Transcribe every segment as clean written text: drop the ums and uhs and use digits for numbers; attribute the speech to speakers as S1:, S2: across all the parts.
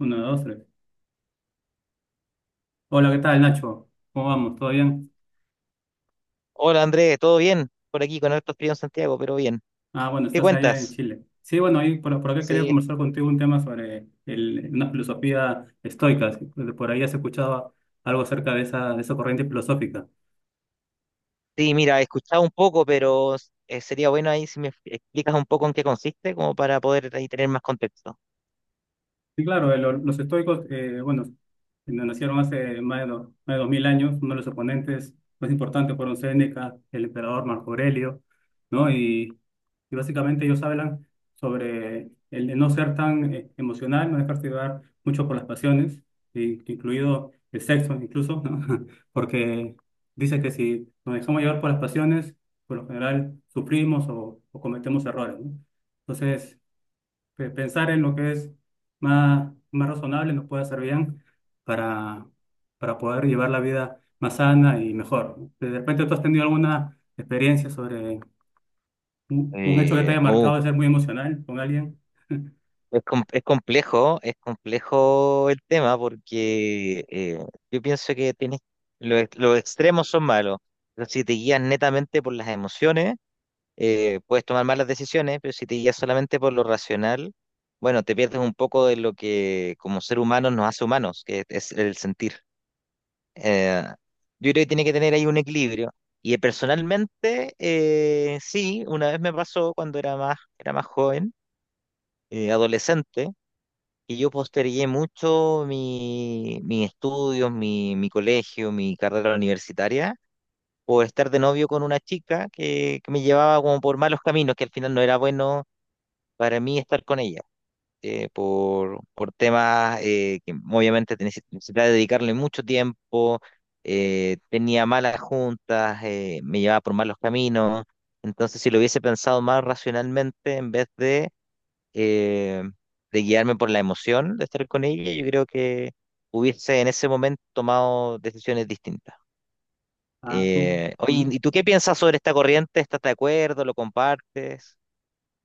S1: Uno, dos, tres. Hola, ¿qué tal, Nacho? ¿Cómo vamos? ¿Todo bien?
S2: Hola Andrés, ¿todo bien? Por aquí con harto frío en Santiago, pero bien.
S1: Ah, bueno,
S2: ¿Qué
S1: estás allá en
S2: cuentas?
S1: Chile. Sí, bueno, ahí por acá quería
S2: Sí,
S1: conversar contigo un tema sobre una filosofía estoica. Si por ahí has escuchado algo acerca de esa corriente filosófica.
S2: sí, mira, he escuchado un poco, pero sería bueno ahí si me explicas un poco en qué consiste, como para poder ahí tener más contexto.
S1: Sí, claro, los estoicos, bueno, nos nacieron hace más de más de 2000 años. Uno de los oponentes más importantes fueron Séneca, el emperador Marco Aurelio, ¿no? Y básicamente ellos hablan sobre el de no ser tan emocional, no dejarse llevar mucho por las pasiones, incluido el sexo incluso, ¿no? Porque dice que si nos dejamos llevar por las pasiones, por lo general sufrimos o cometemos errores, ¿no? Entonces, pensar en lo que es más razonable nos puede hacer bien para, para poder llevar la vida más sana y mejor. ¿No? De repente tú has tenido alguna experiencia sobre un hecho que te haya
S2: Oh,
S1: marcado de ser muy emocional con alguien.
S2: es complejo el tema porque yo pienso que los extremos son malos, pero si te guías netamente por las emociones. Puedes tomar malas decisiones, pero si te guías solamente por lo racional, bueno, te pierdes un poco de lo que como ser humano nos hace humanos, que es el sentir. Eh, yo creo que tiene que tener ahí un equilibrio. Personalmente, sí, una vez me pasó cuando era más joven, adolescente, y yo postergué mucho mis estudios, mi colegio, mi carrera universitaria, por estar de novio con una chica que me llevaba como por malos caminos, que al final no era bueno para mí estar con ella, por temas que obviamente tenés- necesitaba dedicarle mucho tiempo, tenía malas juntas, me llevaba por malos caminos, entonces si lo hubiese pensado más racionalmente en vez eh, de guiarme por la emoción de estar con ella, yo creo que hubiese en ese momento tomado decisiones distintas.
S1: Ah, tú. ¿Mm?
S2: Oye, ¿y tú qué piensas sobre esta corriente? ¿Estás de acuerdo? ¿Lo compartes?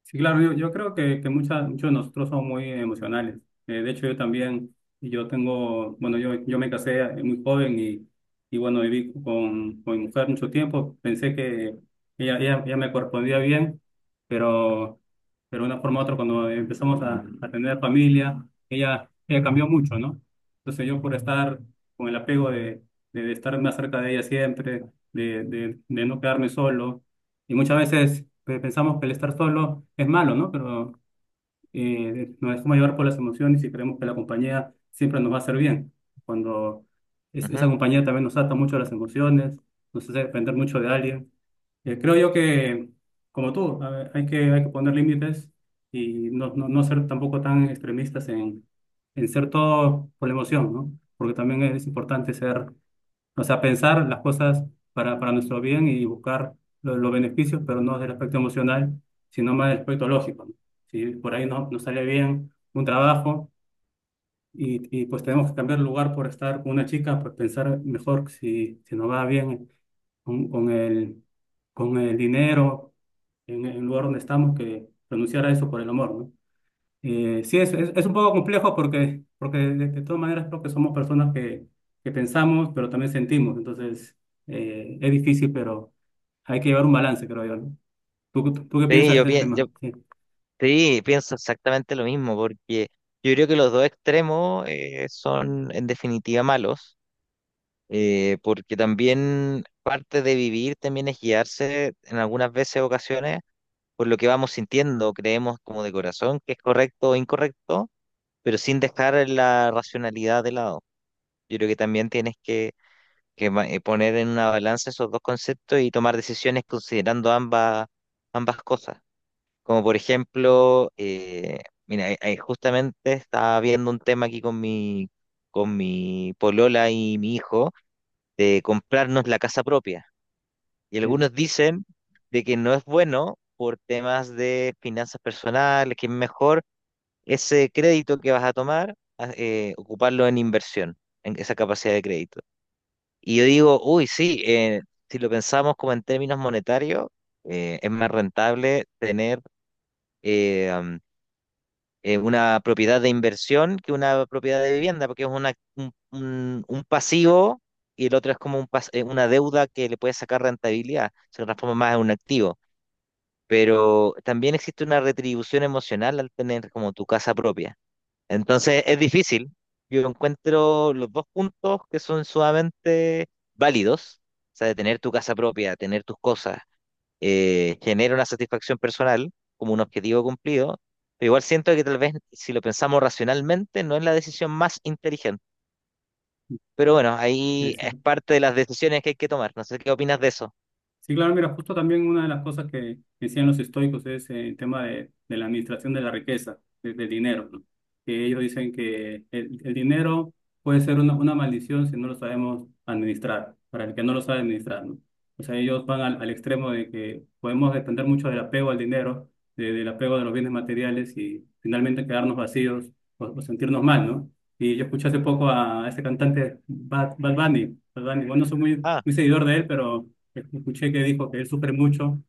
S1: Sí, claro, yo creo que muchos de nosotros somos muy emocionales. De hecho, yo también, y yo tengo, bueno, yo me casé muy joven y bueno, viví con mi mujer mucho tiempo. Pensé que ella me correspondía bien, pero, pero de una forma u otra, cuando empezamos a tener familia, ella cambió mucho, ¿no? Entonces yo por estar con el apego de estar más cerca de ella siempre, de no quedarme solo y muchas veces pensamos que el estar solo es malo, ¿no? Pero nos dejamos llevar por las emociones y creemos que la compañía siempre nos va a hacer bien. Cuando esa
S2: Ujú.
S1: compañía también nos ata mucho a las emociones, nos hace depender mucho de alguien. Creo yo que, como tú, a ver, hay que poner límites y no ser tampoco tan extremistas en ser todo por la emoción, ¿no? Porque también es importante ser o sea, pensar las cosas para nuestro bien y buscar los beneficios, pero no del aspecto emocional, sino más del aspecto lógico, ¿no? Si por ahí no sale bien un trabajo y pues tenemos que cambiar el lugar por estar con una chica, pues pensar mejor si nos va bien con, con el, con el dinero en el lugar donde estamos que renunciar a eso por el amor, ¿no? Sí, es un poco complejo porque de todas maneras creo que somos personas que pensamos, pero también sentimos. Entonces, es difícil, pero hay que llevar un balance, creo yo, ¿no? Tú qué
S2: Sí,
S1: piensas
S2: yo,
S1: de ese
S2: pienso
S1: tema? Sí,
S2: Sí, pienso exactamente lo mismo, porque yo creo que los dos extremos son en definitiva malos, porque también parte de vivir también es guiarse en algunas ocasiones, por lo que vamos sintiendo, creemos como de corazón que es correcto o incorrecto, pero sin dejar la racionalidad de lado. Yo creo que también tienes que poner en una balanza esos dos conceptos y tomar decisiones considerando ambas cosas. Como por ejemplo, justamente estaba viendo un tema aquí con con mi polola y mi hijo de comprarnos la casa propia. Y
S1: sí,
S2: algunos dicen de que no es bueno por temas de finanzas personales, que es mejor ese crédito que vas a tomar, ocuparlo en inversión, en esa capacidad de crédito. Y yo digo, uy, sí, si lo pensamos como en términos monetarios, es más rentable tener... eh, una propiedad de inversión que una propiedad de vivienda, porque es un pasivo y el otro es como un una deuda que le puede sacar rentabilidad, se transforma más en un activo. Pero también existe una retribución emocional al tener como tu casa propia. Entonces es difícil. Yo encuentro los dos puntos que son sumamente válidos, o sea, de tener tu casa propia, tener tus cosas, genera una satisfacción personal como un objetivo cumplido, pero igual siento que tal vez si lo pensamos racionalmente no es la decisión más inteligente. Pero bueno,
S1: sí,
S2: ahí
S1: es
S2: es
S1: cierto.
S2: parte de las decisiones que hay que tomar. No sé qué opinas de eso.
S1: Sí, claro, mira, justo también una de las cosas que decían los estoicos es el tema de la administración de la riqueza, del dinero, ¿no? Que ellos dicen que el dinero puede ser una maldición si no lo sabemos administrar, para el que no lo sabe administrar, ¿no? O sea, ellos van al extremo de que podemos depender mucho del apego al dinero, del apego de los bienes materiales y finalmente quedarnos vacíos o sentirnos mal, ¿no? Y yo escuché hace poco a este cantante Bad Bunny, Bad Bunny. Bueno, no soy
S2: Ah,
S1: muy seguidor de él, pero... Escuché que dijo que él sufre mucho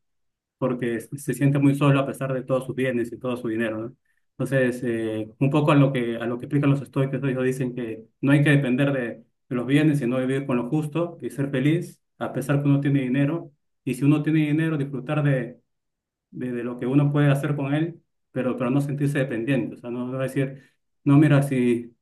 S1: porque se siente muy solo a pesar de todos sus bienes y todo su dinero, ¿no? Entonces, un poco a lo a lo que explican los estoicos, ellos dicen que no hay que depender de los bienes, sino vivir con lo justo y ser feliz a pesar que uno tiene dinero. Y si uno tiene dinero, disfrutar de lo que uno puede hacer con él, pero no sentirse dependiente. O sea, no, no decir, no, mira,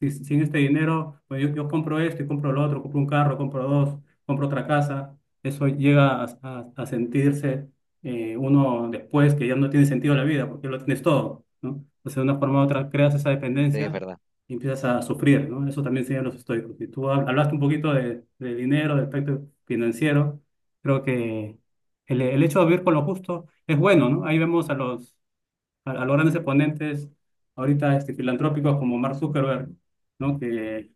S1: si- sin este dinero, pues yo compro esto y compro lo otro, compro un carro, compro dos, compro otra casa. Eso llega a sentirse uno después que ya no tiene sentido la vida porque lo tienes todo, ¿no? Entonces, de una forma u otra, creas esa
S2: sí, es
S1: dependencia
S2: verdad.
S1: y empiezas a sufrir, ¿no? Eso también enseñan los estoicos. Y tú hablaste un poquito de dinero, del aspecto financiero. Creo que el hecho de vivir con lo justo es bueno, ¿no? Ahí vemos a los a los grandes exponentes ahorita este, filantrópicos como Mark Zuckerberg, ¿no? Que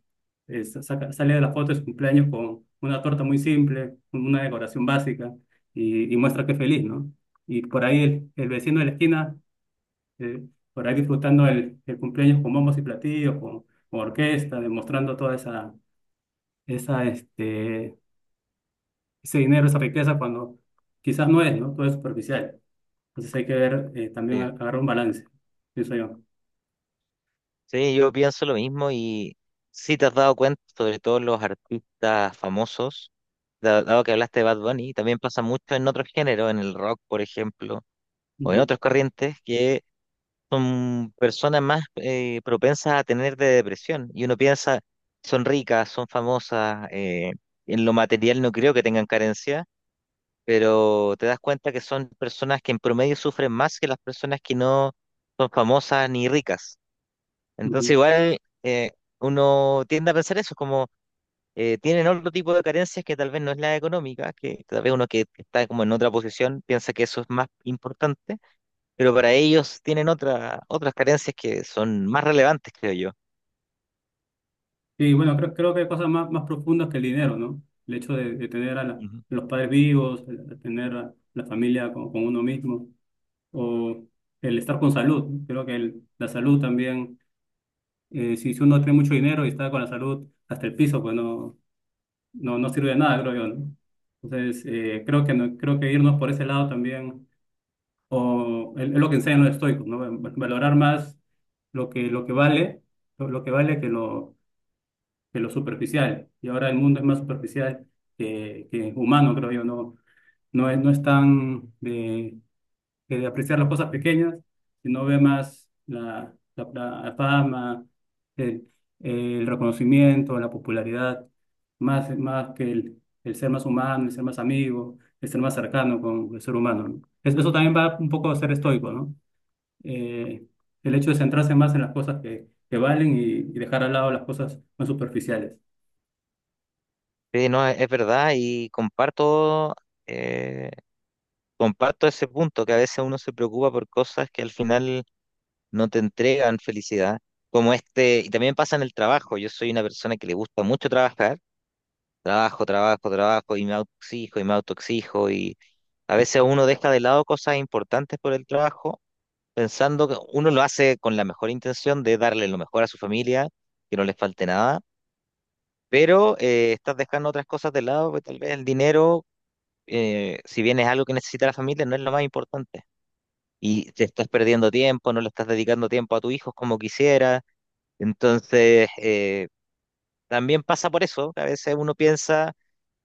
S1: sale de la foto de su cumpleaños con una torta muy simple, con una decoración básica y muestra que es feliz, ¿no? Y por ahí el vecino de la esquina, eh, por ahí disfrutando el cumpleaños con bombos y platillos, con orquesta, demostrando toda esa, este, ese dinero, esa riqueza cuando quizás no es, ¿no? Todo es superficial. Entonces hay que ver, también
S2: Sí,
S1: agarrar un balance, pienso yo.
S2: sí, yo pienso lo mismo. Y sí, te has dado cuenta, sobre todo los artistas famosos, dado que hablaste de Bad Bunny, también pasa mucho en otros géneros, en el rock, por ejemplo, o en
S1: Ujú.
S2: otras corrientes, que son personas más propensas a tener de depresión. Y uno piensa, son ricas, son famosas, en lo material no creo que tengan carencia, pero te das cuenta que son personas que en promedio sufren más que las personas que no son famosas ni ricas. Entonces
S1: Ujú.
S2: igual, eh, uno tiende a pensar eso, como tienen otro tipo de carencias que tal vez no es la económica, que tal vez uno que está como en otra posición piensa que eso es más importante, pero para ellos tienen otras carencias que son más relevantes, creo yo.
S1: Y bueno, creo que hay cosas más profundas que el dinero, ¿no? El hecho de tener a
S2: Ujú.
S1: los padres vivos, el tener a la familia con uno mismo, o el estar con salud. Creo que la salud también, si uno tiene mucho dinero y está con la salud hasta el piso, pues no sirve de nada, creo yo, ¿no? Entonces, creo que, no- creo que irnos por ese lado también, o es lo que enseñan los estoicos, ¿no? Valorar más lo lo que vale, lo que vale que lo superficial. Y ahora el mundo es más superficial que humano, creo yo. No, no es tan de, que de apreciar las cosas pequeñas, sino ve más la fama, el, el reconocimiento, la popularidad, más que el ser más humano, el ser más amigo, el ser más cercano con el ser humano, ¿no? Eso también va un poco a ser estoico, ¿no? Eh, el hecho de centrarse más en las cosas que valen y dejar al lado las cosas más superficiales.
S2: Sí, no, es verdad y comparto, eh, comparto ese punto, que a veces uno se preocupa por cosas que al final no te entregan felicidad, como este, y también pasa en el trabajo. Yo soy una persona que le gusta mucho trabajar, trabajo, trabajo, trabajo, y me autoexijo, y me autoexijo, y a veces uno deja de lado cosas importantes por el trabajo, pensando que uno lo hace con la mejor intención de darle lo mejor a su familia, que no les falte nada, pero estás dejando otras cosas de lado, pues, tal vez el dinero, si bien es algo que necesita la familia, no es lo más importante. Y te estás perdiendo tiempo, no le estás dedicando tiempo a tu hijo como quisiera. Entonces, también pasa por eso, que a veces uno piensa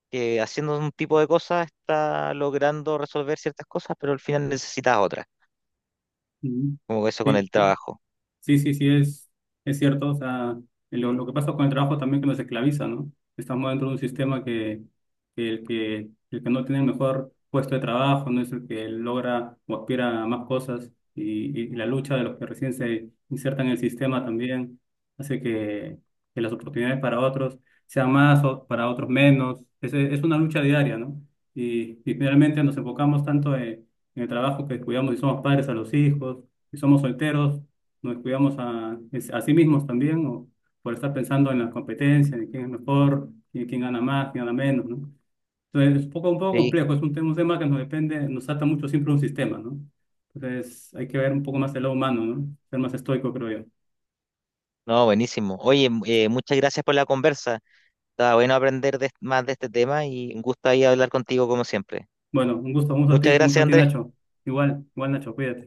S2: que haciendo un tipo de cosas está logrando resolver ciertas cosas, pero al final necesitas otras,
S1: Mm.
S2: como eso con
S1: sí,
S2: el trabajo.
S1: sí, es cierto. O sea, lo que pasa con el trabajo también que nos esclaviza, ¿no? Estamos dentro de un sistema que el que no tiene el mejor puesto de trabajo no es el que logra o aspira a más cosas. Y la lucha de los que recién se insertan en el sistema también hace que las oportunidades para otros sean más o para otros menos. Es una lucha diaria, ¿no? Y finalmente nos enfocamos tanto en el trabajo que cuidamos y somos padres a los hijos, y somos solteros nos descuidamos a sí mismos también, o por estar pensando en las competencias, en quién es mejor, quién gana más, quién gana menos, ¿no? Entonces, es un poco
S2: Sí,
S1: complejo, es un tema que nos depende, nos ata mucho siempre un sistema, ¿no? Entonces, hay que ver un poco más el lado humano, ¿no? Ser más estoico, creo yo.
S2: no, buenísimo. Oye, muchas gracias por la conversa. Estaba bueno aprender más de este tema y un gusto ahí hablar contigo como siempre.
S1: Bueno, un gusto,
S2: Muchas
S1: un gusto
S2: gracias,
S1: a ti,
S2: Andrés.
S1: Nacho. Igual, igual, Nacho, cuídate.